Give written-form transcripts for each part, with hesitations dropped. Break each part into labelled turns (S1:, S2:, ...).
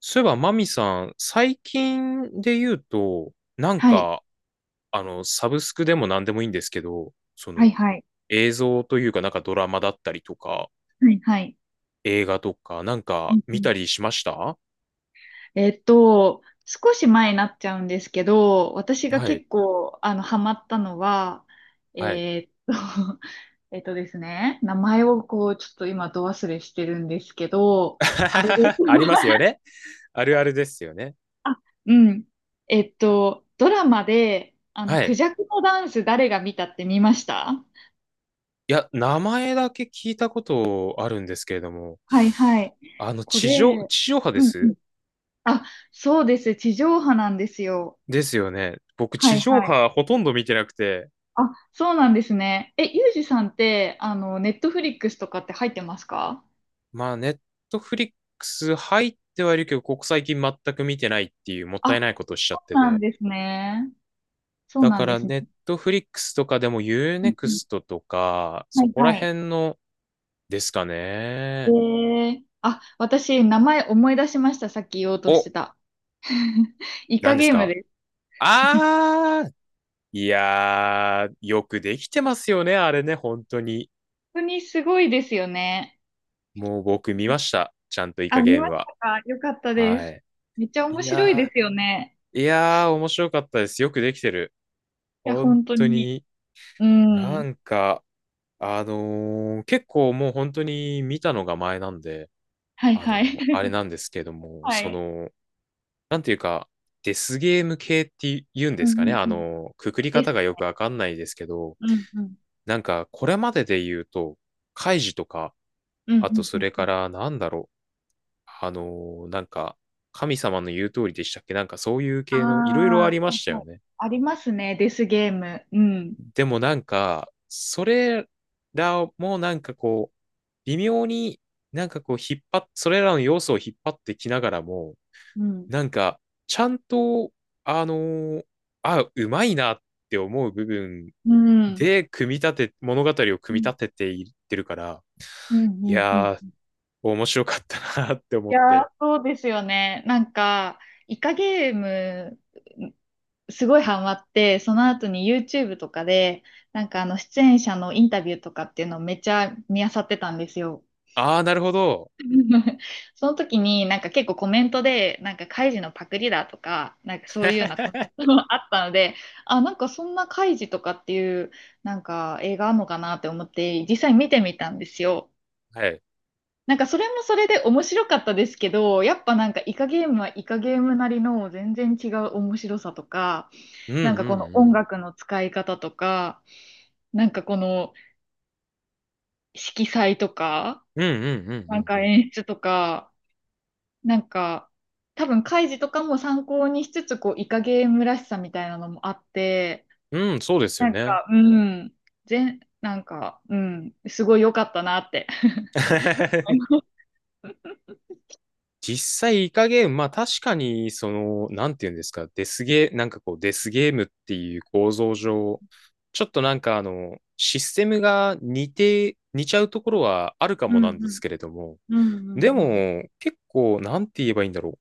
S1: そういえば、マミさん、最近で言うと、
S2: はい。
S1: サブスクでも何でもいいんですけど、
S2: はいはい。
S1: 映像というか、ドラマだったりとか、
S2: はいはい。
S1: 映画とか、
S2: うんう
S1: 見
S2: ん。
S1: たりしました？
S2: 少し前になっちゃうんですけど、私が
S1: はい、
S2: 結構、ハマったのは、
S1: はい。
S2: えっと、えっとですね、名前をこう、ちょっと今、ど忘れしてるんですけど、あれです。
S1: あります よね。あるあるですよね。
S2: あ、うん。ドラマで、
S1: は
S2: ク
S1: い。
S2: ジャクのダンス誰が見たって見ました？
S1: いや、名前だけ聞いたことあるんですけれども、
S2: はいはい。
S1: あの、
S2: これ、
S1: 地上波で
S2: うんう
S1: す？
S2: ん。あ、そうです。地上波なんですよ。
S1: ですよね。僕、
S2: は
S1: 地
S2: い
S1: 上
S2: はい。
S1: 波ほとんど見てなくて、
S2: あ、そうなんですね。え、ゆうじさんって、ネットフリックスとかって入ってますか？
S1: まあ、ネットフリックス入ってはいるけど、ここ最近全く見てないっていうもっ
S2: あ、
S1: たいないことをしちゃっ
S2: そ
S1: て
S2: うなん
S1: て。
S2: ですね。そう
S1: だ
S2: なん
S1: か
S2: で
S1: ら、
S2: すね。
S1: ネットフリックスとかでもユー
S2: う
S1: ネ
S2: ん
S1: ク
S2: うん。
S1: ストとか、
S2: は
S1: そ
S2: い
S1: こら
S2: はい。
S1: 辺のですか
S2: え
S1: ね。
S2: あ、私、名前思い出しました。さっき言おうとし
S1: お、
S2: てた。イカ
S1: 何です
S2: ゲーム
S1: か？
S2: です。
S1: あー、いやー、よくできてますよね、あれね、本当に。
S2: 本当にすごいですよね。
S1: もう僕見ました。ちゃんとイ
S2: あ、
S1: カ
S2: 見
S1: ゲー
S2: ま
S1: ム
S2: し
S1: は。
S2: たか？よかったで
S1: は
S2: す。
S1: い。
S2: めっちゃ面
S1: い
S2: 白いで
S1: や
S2: すよね。
S1: いやー、面白かったです。よくできてる。
S2: いや、
S1: 本
S2: 本当
S1: 当
S2: に。
S1: に。
S2: う
S1: な
S2: ん。
S1: んか、結構もう本当に見たのが前なんで、
S2: はい
S1: あのー
S2: はい。
S1: あれ なんですけども、
S2: は
S1: そ
S2: い。
S1: の、なんていうか、デスゲーム系って言うん
S2: う
S1: で
S2: ん
S1: すか
S2: う
S1: ね、
S2: んうん。
S1: くくり
S2: で
S1: 方
S2: す。
S1: がよくわかんないですけど、
S2: うんうん。
S1: これまでで言うと、カイジとか、
S2: うん
S1: あとそ
S2: うんうん
S1: れ
S2: う
S1: か
S2: ん。
S1: ら、う、あのーなんか、神様の言う通りでしたっけ？そういう
S2: あ
S1: 系のいろいろあり
S2: あ、
S1: ま
S2: は
S1: した
S2: いは
S1: よ
S2: い。
S1: ね。
S2: ありますね、デスゲーム。うん。
S1: でもそれらも微妙になんかこう引っ張っ、それらの要素を引っ張ってきながらも、
S2: うん。
S1: なんか、ちゃんと、あのーうまいなって思う部分
S2: うん。
S1: で組み立て、物語を
S2: う
S1: 組み
S2: ん。
S1: 立てていってるから、
S2: う
S1: い
S2: ん。う
S1: や
S2: ん。
S1: ー、面白かったなって思
S2: い
S1: っ
S2: や
S1: て。
S2: ー、そうですよね。なんか、イカゲーム、すごいハマって、その後に YouTube とかで、なんか出演者のインタビューとかっていうのをめっちゃ見漁ってたんですよ。
S1: あー、なるほど。
S2: その時になんか結構コメントでなんかカイジのパクリだとかなんかそういうようなコメント もあったので、あなんかそんなカイジとかっていうなんか映画あるのかなって思って実際見てみたんですよ。
S1: はい。
S2: なんかそれもそれで面白かったですけど、やっぱなんかイカゲームはイカゲームなりの全然違う面白さとか、
S1: うんうん
S2: なんかこの
S1: う
S2: 音
S1: ん。
S2: 楽の使い方とか、なんかこの色彩とか、
S1: うんうんう
S2: なん
S1: ん
S2: か
S1: う
S2: 演出とか、なんか、多分、カイジとかも参考にしつつ、こう、イカゲームらしさみたいなのもあって、
S1: んうん。うん、そうですよ
S2: なん
S1: ね。
S2: か、うん、なんか、うん、すごい良かったなって。
S1: 実際、いかゲーム、まあ確かに、その、なんていうんですか、デスゲー、なんかこう、デスゲームっていう構造上、ちょっとシステムが似ちゃうところはあるか
S2: う
S1: も
S2: ん
S1: なんで
S2: う
S1: す
S2: ん
S1: けれども、
S2: う
S1: で
S2: んうん
S1: も、結構、なんて言えばいいんだろ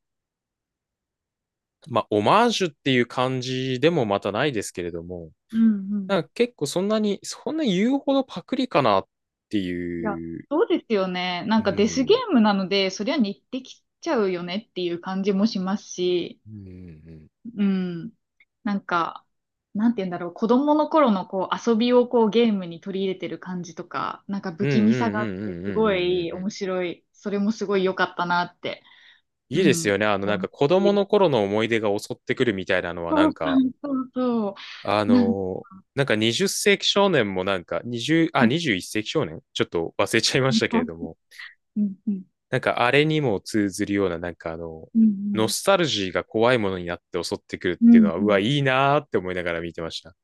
S1: う。まあ、オマージュっていう感じでもまたないですけれども、
S2: うんうん。
S1: 結構そんな言うほどパクリかなって
S2: いや、
S1: いう、
S2: そうですよね。なんかデスゲームなので、そりゃ似てきちゃうよねっていう感じもしますし、うん。なんか、なんて言うんだろう、子供の頃のこう遊びをこうゲームに取り入れてる感じとか、なんか
S1: う
S2: 不
S1: ん、う
S2: 気味さ
S1: ん、
S2: が
S1: う
S2: あっ
S1: ん、う
S2: て、
S1: ん、う
S2: す
S1: ん、
S2: ご
S1: うん、うん、うん、
S2: い
S1: うん、うん、
S2: 面白い。それもすごい良かったなって。う
S1: いいです
S2: ん。
S1: よね。あの、
S2: 思う
S1: 子供
S2: し、
S1: の頃の思い出が襲ってくるみたいなのは、
S2: そうそうそうそう。なんか、
S1: 20世紀少年も20、あ、
S2: はい、
S1: 21世紀少年ちょっと忘れちゃいましたけ
S2: は
S1: れ
S2: い。
S1: ども、
S2: うんうん。
S1: あれにも通ずるような、
S2: うんう
S1: ノ
S2: ん。
S1: スタルジーが怖いものになって襲ってくるっ
S2: う
S1: ていうの
S2: ん
S1: は、
S2: う
S1: うわ、
S2: ん。
S1: いいなーって思いながら見てました。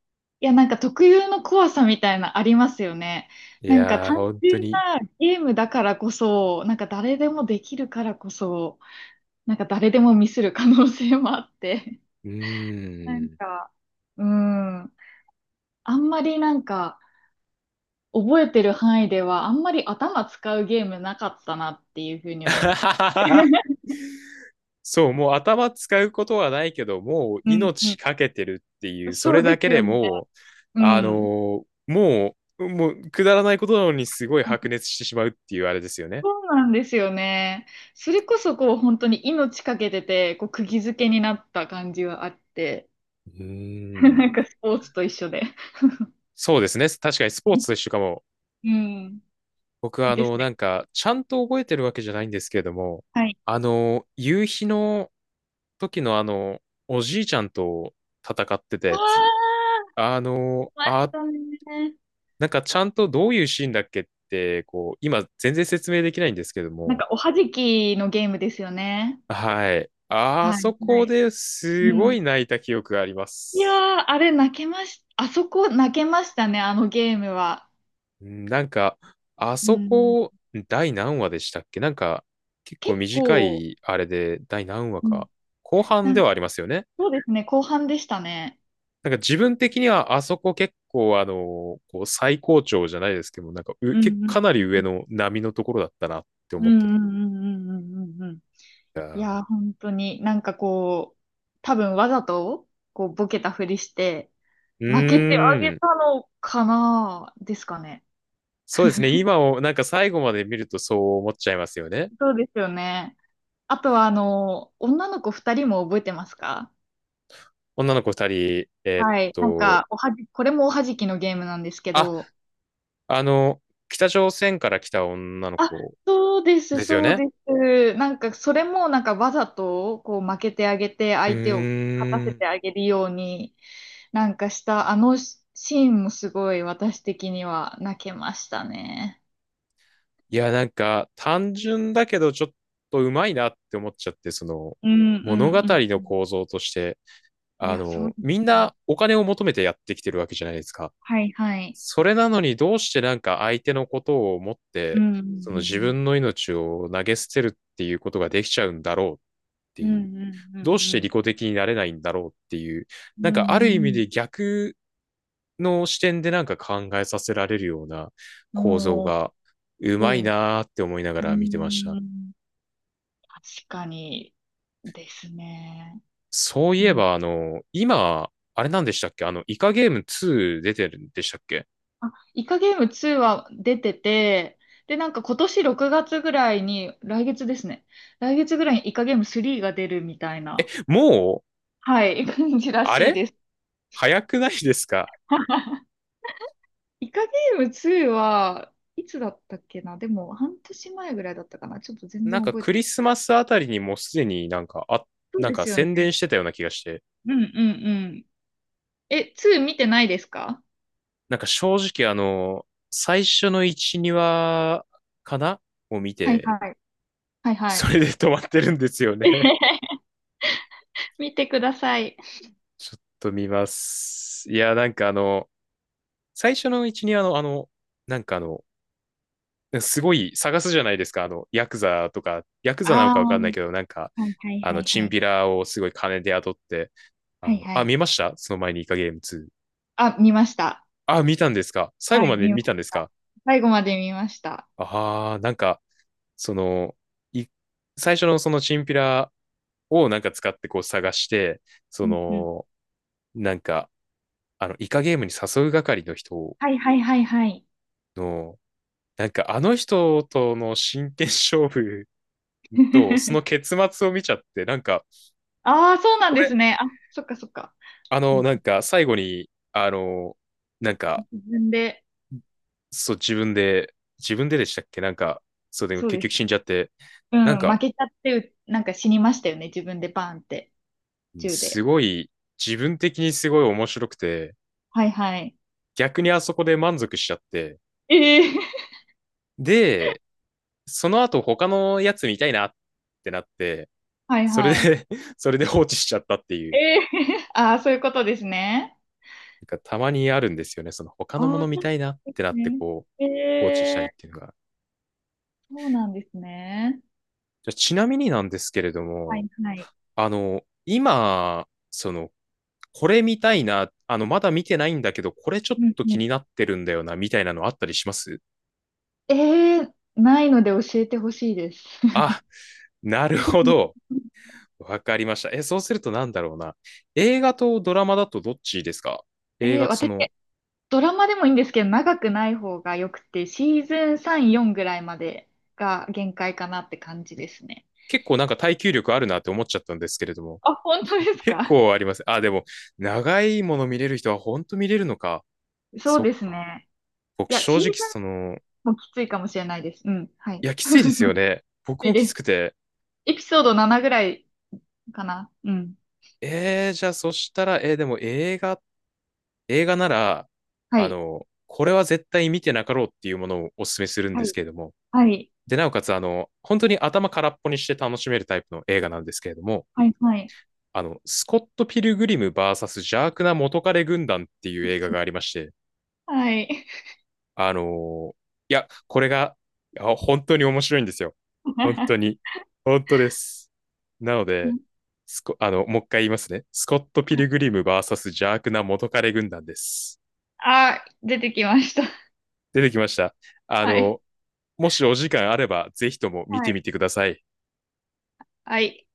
S2: いや、なんか特有の怖さみたいなありますよね。
S1: い
S2: なんか
S1: やー、
S2: 単
S1: 本当
S2: 純
S1: に。
S2: なゲームだからこそ、なんか誰でもできるからこそ、なんか誰でもミスる可能性もあって、
S1: う
S2: な
S1: ー
S2: ん
S1: ん。
S2: か、うん。あんまりなんか、覚えてる範囲では、あんまり頭使うゲームなかったなっていうふうに思って。
S1: そう、もう頭使うことはないけど、もう
S2: うん
S1: 命
S2: う
S1: かけてるってい
S2: ん。
S1: う、そ
S2: そ
S1: れ
S2: うで
S1: だけ
S2: す
S1: で
S2: よね。
S1: もう、
S2: うん。
S1: もうくだらないことなのにすごい白熱してしまうっていうあれですよね。
S2: そうなんですよね。それこそこう本当に命かけてて、こう釘付けになった感じはあって、
S1: う ーん。
S2: なんかスポーツと一緒で。
S1: そうですね。確かにスポーツと一緒かも。
S2: うん。
S1: 僕はあ
S2: です
S1: の、
S2: ね。
S1: ちゃんと覚えてるわけじゃないんですけれども、
S2: はい。
S1: あの、夕日の時のあの、おじいちゃんと戦ってた
S2: ああ、
S1: やつ。
S2: あ
S1: あの、
S2: りまし
S1: あ、
S2: たね。
S1: ちゃんとどういうシーンだっけって、こう、今全然説明できないんですけど
S2: なん
S1: も、
S2: かおはじきのゲームですよね。
S1: はい。あ
S2: はい、
S1: そ
S2: は
S1: こ
S2: い。
S1: で
S2: う
S1: すご
S2: ん。
S1: い泣いた記憶がありま
S2: いや
S1: す。
S2: ー、あれ泣けまし、あそこ泣けましたね、あのゲームは。
S1: うん。なんか、あ
S2: う
S1: そ
S2: ん。
S1: こ、第何話でしたっけ？結構
S2: 結
S1: 短
S2: 構、
S1: いあれで、第何話
S2: うん。
S1: か。後半
S2: な
S1: で
S2: んか
S1: はありますよね。
S2: そうですね、後半でしたね。
S1: 自分的にはあそこ結構あの、こう最高潮じゃないですけども、なんかう、
S2: う
S1: け
S2: んう
S1: かな
S2: ん
S1: り上の波のところだったなって
S2: う
S1: 思ってて。
S2: ん
S1: い
S2: うんうんうんうんうんうん。
S1: や
S2: いやー、
S1: ー
S2: 本当になんかこう、多分わざと、こう、ボケたふりして、
S1: う
S2: 負けてあげ
S1: ーん。
S2: たのかなですかね。
S1: そうですね。今を、最後まで見るとそう思っちゃいますよね。
S2: そうですよね。あとは、女の子二人も覚えてますか？
S1: 女の子二人、えーっ
S2: はい。なん
S1: と、
S2: か、おはじ、これもおはじきのゲームなんですけ
S1: あ、
S2: ど、
S1: あの、北朝鮮から来た女の
S2: あ、
S1: 子
S2: そうです、
S1: ですよ
S2: そう
S1: ね。
S2: です。なんか、それもなんかわざと、こう、負けてあげて、
S1: う
S2: 相手を勝た
S1: ー
S2: せ
S1: ん。
S2: てあげるように、なんかした、あのシーンもすごい私的には泣けましたね。
S1: いや、単純だけどちょっとうまいなって思っちゃって、その
S2: うんう
S1: 物語
S2: んう
S1: の
S2: ん。
S1: 構造として、
S2: い
S1: あ
S2: や、そう
S1: の、
S2: です
S1: みん
S2: よね。
S1: なお金を求めてやってきてるわけじゃないですか。
S2: はいはい。
S1: それなのにどうして相手のことを思っ
S2: う
S1: て、
S2: んう
S1: その自
S2: ん
S1: 分の命を投げ捨てるっていうことができちゃうんだろうっって
S2: うん
S1: いう、
S2: うん
S1: どうし
S2: う
S1: て利
S2: ん
S1: 己的になれないんだろうっていう、
S2: うんうん
S1: ある
S2: うんう
S1: 意味で
S2: ん
S1: 逆の視点で考えさせられるような
S2: う
S1: 構造
S2: ん。おー
S1: がうまい
S2: おー。
S1: なーって思いなが
S2: う
S1: ら見てました。
S2: ん。確かにですね。
S1: そうい
S2: う
S1: え
S2: ん、
S1: ば、あの、今、あれなんでしたっけ？あの、イカゲーム2出てるんでしたっけ？
S2: あ、イカゲーム2は出てて、で、なんか今年6月ぐらいに、来月ですね。来月ぐらいにイカゲーム3が出るみたいな、
S1: もう、
S2: はい、感じら
S1: あ
S2: しい
S1: れ
S2: です。
S1: 早くないですか？
S2: イカゲーム2はいつだったっけな。でも半年前ぐらいだったかな、ちょっと全然覚え
S1: ク
S2: て。
S1: リスマスあたりにもうすでに
S2: そうですよね。
S1: 宣伝してたような気がして、
S2: うんうんうん。え、2見てないですか？
S1: 正直あの、最初の1、2話かなを見
S2: はい
S1: て、
S2: はい。はいは
S1: そ
S2: い。
S1: れで 止まってるんですよね。
S2: 見てください。
S1: ちょっと見ます。いや、最初の1、2話のあの、なんかあの、すごい探すじゃないですか。あの、ヤクザとか、ヤクザなの
S2: ああ。
S1: かわかんないけど、
S2: はいはい
S1: あ
S2: は
S1: の、
S2: い
S1: チ
S2: は
S1: ン
S2: い。
S1: ピラをすごい金で雇って、
S2: はいはい。
S1: 見ましたその前にイカゲーム2。
S2: あ、見ました。
S1: あ、見たんですか？最
S2: は
S1: 後
S2: い、
S1: まで
S2: 見ま
S1: 見
S2: し
S1: たんです
S2: た。
S1: か？
S2: 最後まで見ました。
S1: ああー、その、い、最初のそのチンピラを使ってこう探して、そ
S2: うんうん。
S1: の、なんか、あの、イカゲームに誘う係の人
S2: はいはいはいはい。
S1: の、あの人との真剣勝負とその 結末を見ちゃって、
S2: ああ、そうなんで
S1: 俺、
S2: すね。あ、そっかそっか。
S1: あ
S2: う
S1: の、
S2: ん、
S1: 最後に、あの、なん
S2: 自
S1: か、
S2: 分で、
S1: そう、自分で、自分ででしたっけ？そうでも
S2: そう
S1: 結
S2: で
S1: 局死
S2: す。
S1: んじゃって、
S2: う
S1: なん
S2: ん、負
S1: か、
S2: けちゃって、なんか死にましたよね。自分でバーンって、銃
S1: す
S2: で。
S1: ごい、自分的にすごい面白くて、
S2: はいはい。
S1: 逆にあそこで満足しちゃって、
S2: ええ
S1: で、その後他のやつ見たいなってなって、
S2: はい
S1: それ
S2: はい。
S1: で それで放置しちゃったってい
S2: え
S1: う、
S2: え ああ、そういうことですね。
S1: たまにあるんですよね。その他のも
S2: ああ、
S1: の見
S2: そう
S1: たいなっ
S2: で
S1: てな
S2: す
S1: って
S2: ね。
S1: こう、
S2: え
S1: 放置したいっ
S2: え、
S1: ていうのが。
S2: そうなんですね。
S1: じゃあちなみになんですけれど
S2: は
S1: も、
S2: いはい。
S1: あの、今、その、これ見たいな、あの、まだ見てないんだけど、これちょっ
S2: うん
S1: と
S2: う
S1: 気
S2: ん。
S1: になってるんだよな、みたいなのあったりします？
S2: えないので教えてほしいです。
S1: あ、なるほど。わかりました。え、そうするとなんだろうな。映画とドラマだとどっちですか？映画とそ
S2: 私、
S1: の、
S2: ドラマでもいいんですけど、長くない方がよくて、シーズン3、4ぐらいまでが限界かなって感じですね。
S1: 結構耐久力あるなって思っちゃったんですけれども、
S2: あ、本当です
S1: 結
S2: か？
S1: 構あります。あ、でも、長いもの見れる人は本当見れるのか。
S2: そう
S1: そっ
S2: です
S1: か。
S2: ね。
S1: 僕
S2: いや、
S1: 正
S2: シーズ
S1: 直その、
S2: ンもきついかもしれないです。うん。はい。
S1: いや、き
S2: き
S1: ついですよね。僕
S2: つい
S1: もき
S2: で
S1: つ
S2: す。
S1: くて。
S2: エピソード7ぐらいかな。うん。
S1: えー、じゃあそしたら、えー、でも映画、映画なら、
S2: は
S1: あ
S2: い。
S1: の、これは絶対見てなかろうっていうものをお勧めするんで
S2: は
S1: す
S2: い。
S1: けれども。
S2: はい。
S1: で、なおかつ、あの、本当に頭空っぽにして楽しめるタイプの映画なんですけれども、
S2: はい。はい。
S1: あの、スコット・ピルグリム VS 邪悪な元彼軍団っていう映画がありまして、
S2: はい。
S1: あのいや、これが、いや本当に面白いんですよ。本当 に。本当です。なので、スコ、あの、もう一回言いますね。スコット・ピルグリム v ス邪悪な元彼軍団です。
S2: あ、出てきました。
S1: 出てきました。あ
S2: はい。
S1: の、もしお時間あれば、ぜひとも見
S2: は
S1: てみ
S2: い。
S1: てください。
S2: はい。